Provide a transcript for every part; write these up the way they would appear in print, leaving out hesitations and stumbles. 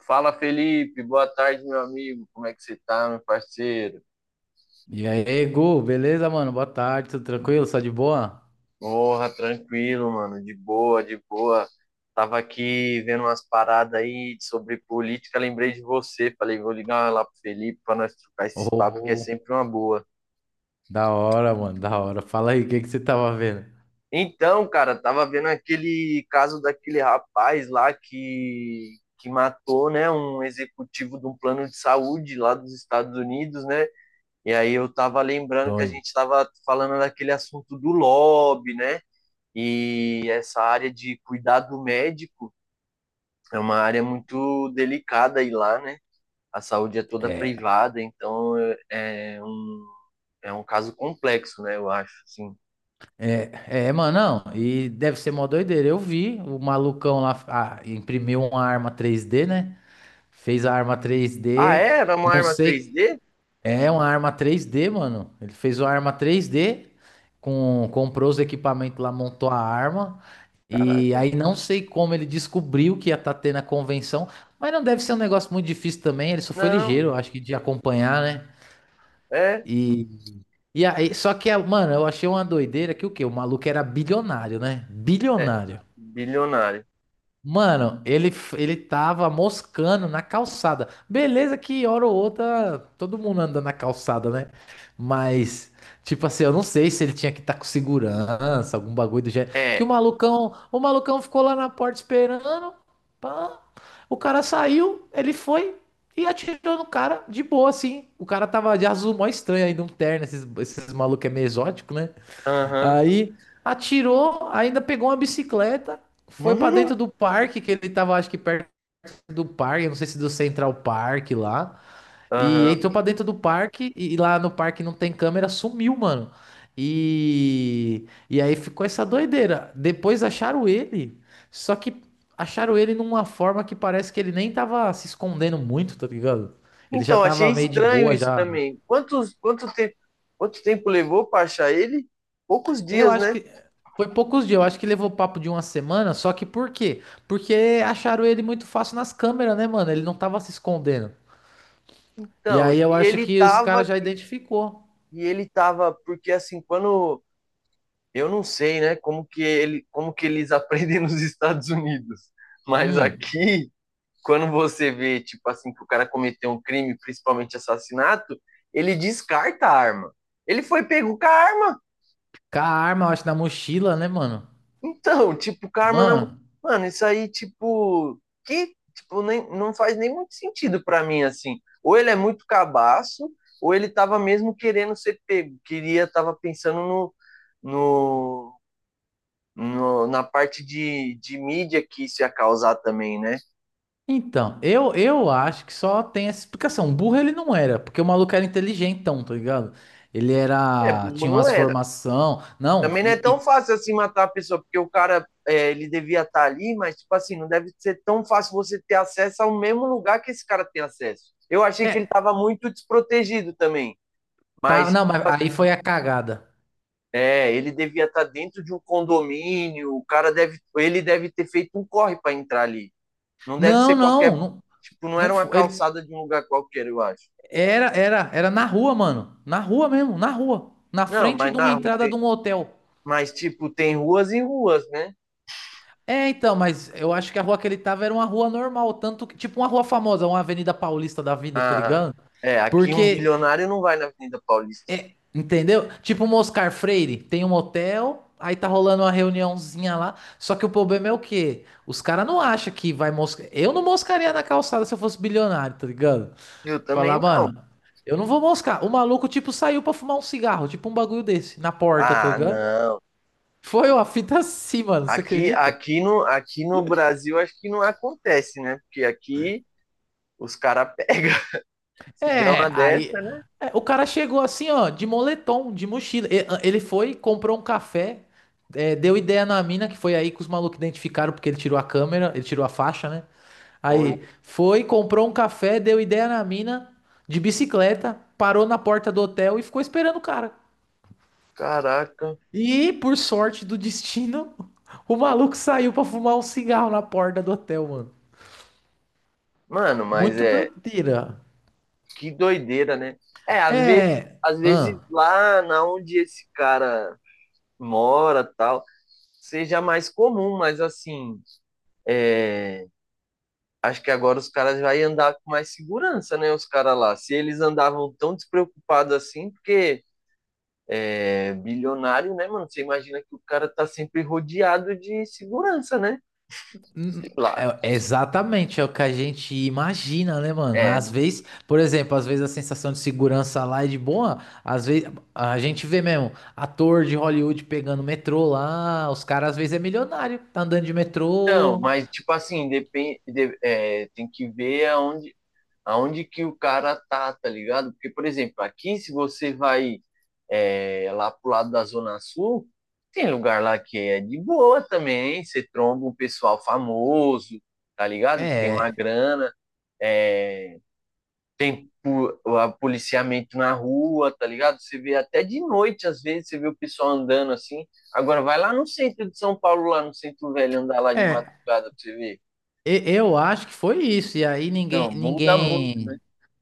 Fala, Felipe. Boa tarde, meu amigo. Como é que você tá, meu parceiro? E aí, Gu, beleza, mano? Boa tarde, tudo tranquilo? Só de boa? Porra, tranquilo, mano. De boa, de boa. Tava aqui vendo umas paradas aí sobre política, lembrei de você. Falei, vou ligar lá pro Felipe pra nós trocar esses papos, que é Oh, sempre uma boa. da hora, mano, da hora. Fala aí, o que que você tava vendo? Então, cara, tava vendo aquele caso daquele rapaz lá que matou, né, um executivo de um plano de saúde lá dos Estados Unidos, né? E aí eu tava lembrando que a Doido. gente tava falando daquele assunto do lobby, né? E essa área de cuidado médico é uma área muito delicada aí lá, né? A saúde é toda É, privada, então é um caso complexo, né? Eu acho, assim. é, mano, não, e deve ser mó doideira. Eu vi o malucão lá, imprimiu uma arma 3D, né? Fez a arma Ah, 3D, é? Era uma não arma sei. 3D? É uma arma 3D, mano. Ele fez uma arma 3D, comprou os equipamentos lá, montou a arma. E Caraca. aí não sei como ele descobriu que ia estar tendo a convenção, mas não deve ser um negócio muito difícil também. Ele só foi Não, ligeiro, acho que de acompanhar, né? é, E, e aí, só que, mano, eu achei uma doideira que o quê? O maluco era bilionário, né? é Bilionário. bilionário. Mano, ele tava moscando na calçada. Beleza que hora ou outra todo mundo anda na calçada, né? Mas, tipo assim, eu não sei se ele tinha que estar com segurança, algum bagulho do gênero. Que o É, malucão, o malucão ficou lá na porta esperando. Pá. O cara saiu, ele foi e atirou no cara de boa, assim. O cara tava de azul mó estranho ainda, um terno. Esses malucos é meio exótico, né? aham. Aí atirou, ainda pegou uma bicicleta, foi pra dentro do parque, que ele tava acho que perto do parque, não sei se do Central Park lá, e Aham. entrou pra dentro do parque e lá no parque não tem câmera, sumiu, mano. E aí ficou essa doideira. Depois acharam ele, só que acharam ele numa forma que parece que ele nem tava se escondendo muito, tá ligado? Ele já Então, achei tava meio de estranho boa isso já. também. Quanto tempo levou para achar ele? Poucos Eu dias, acho né? que foi poucos dias, eu acho que levou papo de uma semana, só que por quê? Porque acharam ele muito fácil nas câmeras, né, mano? Ele não tava se escondendo. E Então, aí e eu acho ele que os caras tava, já identificou. ele tava, porque assim, quando eu não sei, né, como que eles aprendem nos Estados Unidos, mas Hum. aqui, quando você vê, tipo assim, que o cara cometeu um crime, principalmente assassinato, ele descarta a arma. Ele foi pego com a arma, Com a arma, eu acho, na mochila, né, mano? então, tipo, karma na. Mano, Mano, isso aí, tipo, que, tipo, nem, não faz nem muito sentido pra mim, assim. Ou ele é muito cabaço, ou ele tava mesmo querendo ser pego, queria, tava pensando no, na parte de mídia que isso ia causar também, né? então, eu acho que só tem essa explicação. Um burro ele não era, porque o maluco era inteligentão, tá ligado? Ele É, era, bobo tinha não umas era. formação, não, Também não é tão e- fácil assim matar a pessoa, porque o cara, é, ele devia estar ali, mas, tipo assim, não deve ser tão fácil você ter acesso ao mesmo lugar que esse cara tem acesso. Eu achei que ele é, estava muito desprotegido também, mas, tá, tipo não, mas aí assim, foi a cagada. é, ele devia estar dentro de um condomínio, o cara deve, ele deve ter feito um corre para entrar ali. Não deve ser Não, qualquer, não, não, tipo, não era não uma foi. calçada de um lugar qualquer, eu acho. Era na rua, mano. Na rua mesmo, na rua. Na Não, frente mas de uma na rua entrada de tem, um hotel. mas, tipo, tem ruas e ruas, né? É, então, mas eu acho que a rua que ele tava era uma rua normal, tanto que, tipo uma rua famosa, uma Avenida Paulista da vida, tá Ah, ligado? é, aqui um Porque, bilionário não vai na Avenida Paulista. entendeu? Tipo um Oscar Freire, tem um hotel, aí tá rolando uma reuniãozinha lá. Só que o problema é o quê? Os caras não acham que vai moscar. Eu não moscaria na calçada se eu fosse bilionário, tá ligado? Eu também Falar, não. mano, eu não vou moscar. O maluco, tipo, saiu pra fumar um cigarro, tipo um bagulho desse, na porta, tá Ah, ligado? não. Foi uma fita assim, mano, você Aqui, acredita? aqui no, aqui no Brasil acho que não acontece, né? Porque aqui os caras pegam. Se der É, uma aí, dessa, né? é, o cara chegou assim, ó, de moletom, de mochila. Ele foi, comprou um café, é, deu ideia na mina, que foi aí que os malucos identificaram, porque ele tirou a câmera, ele tirou a faixa, né? Olha, Aí foi, comprou um café, deu ideia na mina, de bicicleta, parou na porta do hotel e ficou esperando o cara. caraca. E, por sorte do destino, o maluco saiu pra fumar um cigarro na porta do hotel, mano. Mano, mas Muito é doideira. que doideira, né? É, às vezes, É. às vezes Ah, lá na onde esse cara mora, tal, seja mais comum, mas assim, é, acho que agora os caras vai andar com mais segurança, né? Os caras lá. Se eles andavam tão despreocupados assim, porque é bilionário, né, mano? Você imagina que o cara tá sempre rodeado de segurança, né? hum, Sei lá. É exatamente, é o que a gente imagina, né, mano? É, Mas às vezes, por exemplo, às vezes a sensação de segurança lá é de boa. Às vezes a gente vê mesmo ator de Hollywood pegando metrô lá. Os caras às vezes é milionário, tá andando de então, metrô. mas tipo assim, depende, é, tem que ver aonde, aonde que o cara tá, tá ligado? Porque, por exemplo, aqui, se você vai é, lá pro lado da Zona Sul, tem lugar lá que é de boa também, você tromba um pessoal famoso, tá ligado? Que tem uma É. grana, é, tem policiamento na rua, tá ligado? Você vê até de noite, às vezes, você vê o pessoal andando assim. Agora, vai lá no centro de São Paulo, lá no centro velho, andar lá de madrugada É. pra você ver. Eu acho que foi isso. E aí Não ninguém, muda muito. ninguém.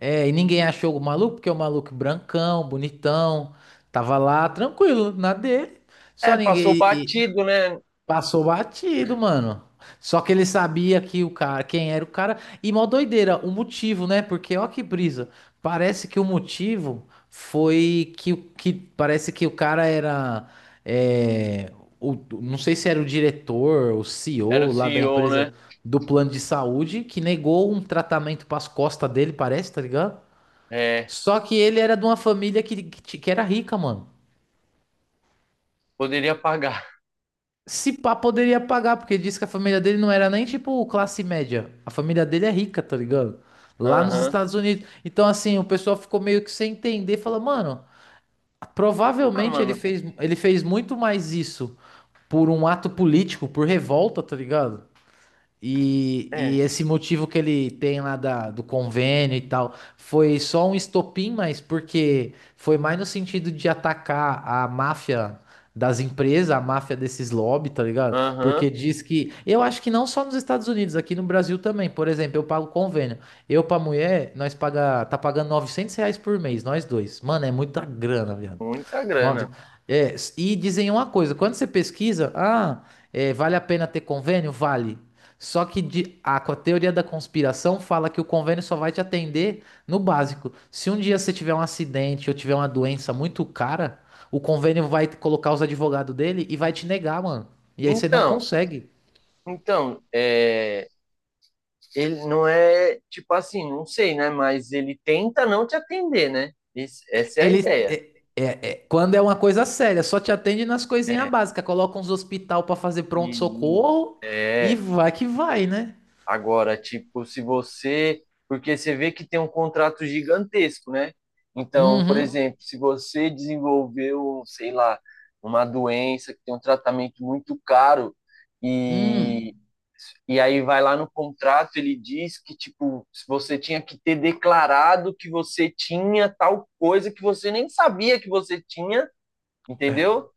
É, e ninguém achou o maluco, porque o maluco brancão, bonitão, tava lá tranquilo, na dele. Só É, ninguém passou batido, né? passou batido, mano. Só que ele sabia que o cara, quem era o cara. E mó doideira, o motivo, né? Porque ó que brisa. Parece que o motivo foi que, que parece que o cara era é, o, não sei se era o diretor, o Era o CEO lá da CEO, né? empresa do plano de saúde que negou um tratamento para as costas dele, parece, tá ligado? É, Só que ele era de uma família que que era rica, mano. poderia pagar. Se pá, poderia pagar, porque ele disse que a família dele não era nem tipo classe média. A família dele é rica, tá ligado? Lá nos Aham. Estados Unidos. Então, assim, o pessoal ficou meio que sem entender. Fala, mano, Ah, provavelmente mano, ele fez muito mais isso por um ato político, por revolta, tá ligado? é. E esse motivo que ele tem lá do convênio e tal foi só um estopim, mas porque foi mais no sentido de atacar a máfia das empresas, a máfia desses lobby, tá ligado? Aham. Porque diz que, eu acho que não só nos Estados Unidos, aqui no Brasil também. Por exemplo, eu pago convênio. Eu pra mulher, nós paga, tá pagando R$ 900 por mês, nós dois. Mano, é muita grana, viado. Muita Nove... grana. É, e dizem uma coisa, quando você pesquisa, ah, é, vale a pena ter convênio? Vale. Só que a teoria da conspiração fala que o convênio só vai te atender no básico. Se um dia você tiver um acidente ou tiver uma doença muito cara, o convênio vai colocar os advogados dele e vai te negar, mano. E aí você não Então, consegue. então, é, ele não é, tipo assim, não sei, né? Mas ele tenta não te atender, né? Essa é a Ele ideia. é- é- quando é uma coisa séria, só te atende nas coisinhas básicas. Coloca uns hospital pra fazer Isso. pronto-socorro e É, vai que vai, né? agora, tipo, se você. Porque você vê que tem um contrato gigantesco, né? Então, por Uhum. exemplo, se você desenvolveu, sei lá, uma doença que tem um tratamento muito caro, e, Hum. e aí vai lá no contrato, ele diz que, tipo, se você tinha que ter declarado que você tinha tal coisa que você nem sabia que você tinha, entendeu?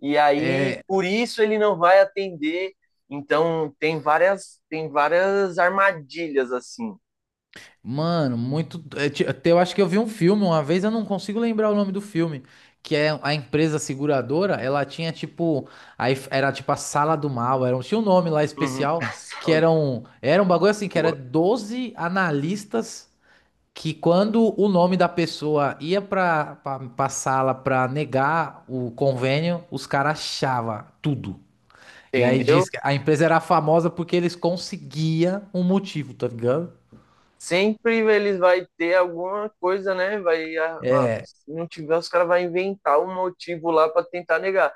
E aí, É, por isso ele não vai atender. Então, tem várias armadilhas assim. mano, muito. Até eu acho que eu vi um filme uma vez, eu não consigo lembrar o nome do filme. Que é a empresa seguradora, ela tinha tipo. Era tipo a sala do mal, era, tinha um nome lá Uhum. especial, A que sala de eram. Era um bagulho assim, que era porra, 12 analistas que quando o nome da pessoa ia pra sala pra negar o convênio, os caras achavam tudo. E aí entendeu? diz que a empresa era famosa porque eles conseguiam um motivo, tá ligado? Sempre eles vai ter alguma coisa, né? Vai, se não tiver, os caras vão inventar um motivo lá para tentar negar.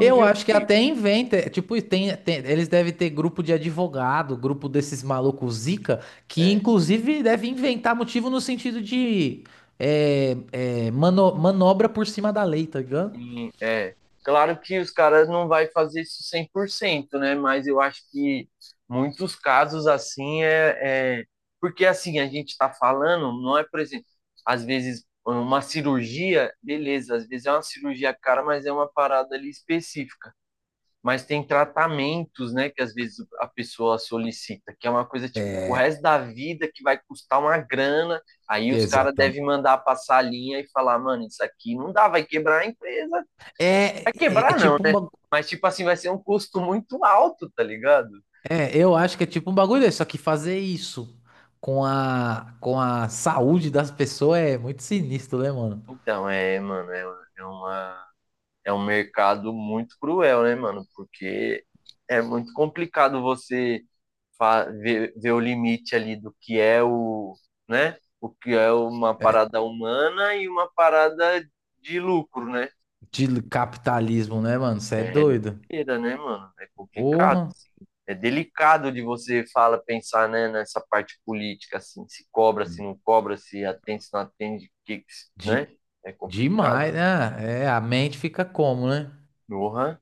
Eu acho que que até inventa, é, tipo, eles devem ter grupo de advogado, grupo desses malucos zica, que é, inclusive deve inventar motivo no sentido de é, mano, manobra por cima da lei, tá ligado? sim, é. Claro que os caras não vai fazer isso 100%, né? Mas eu acho que muitos casos assim é, é... Porque assim, a gente está falando, não é, por exemplo, às vezes uma cirurgia, beleza, às vezes é uma cirurgia cara, mas é uma parada ali específica. Mas tem tratamentos, né, que às vezes a pessoa solicita, que é uma coisa tipo o resto da vida que vai custar uma grana. Aí Que os caras exatamente. devem mandar passar a linha e falar, mano, isso aqui não dá, vai quebrar a empresa. Vai É, é quebrar não, tipo um né? bagulho. Mas, tipo assim, vai ser um custo muito alto, tá ligado? É, eu acho que é tipo um bagulho desse, só que fazer isso com a saúde das pessoas é muito sinistro, né, mano? Então, é, mano, é, é uma, é um mercado muito cruel, né, mano? Porque é muito complicado você ver o limite ali do que é o, né? O que é uma parada humana e uma parada de lucro, né? De capitalismo, né, mano? Você é É doido. doideira, né, mano? É complicado. Porra. É delicado de você fala pensar, né, nessa parte política, assim, se cobra, se não cobra, se atende, se não atende, que, né, é complicado. Demais, né? É, a mente fica como, né? Uhum,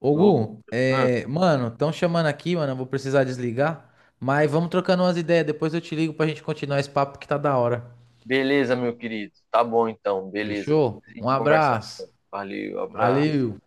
Ô, louco, Gu, uhum. é, mano, estão chamando aqui, mano. Eu vou precisar desligar. Mas vamos trocando umas ideias. Depois eu te ligo pra gente continuar esse papo que tá da hora. Beleza, meu querido, tá bom, então, beleza. Fechou? Depois a Um gente conversa. abraço. Valeu, abraço. Valeu.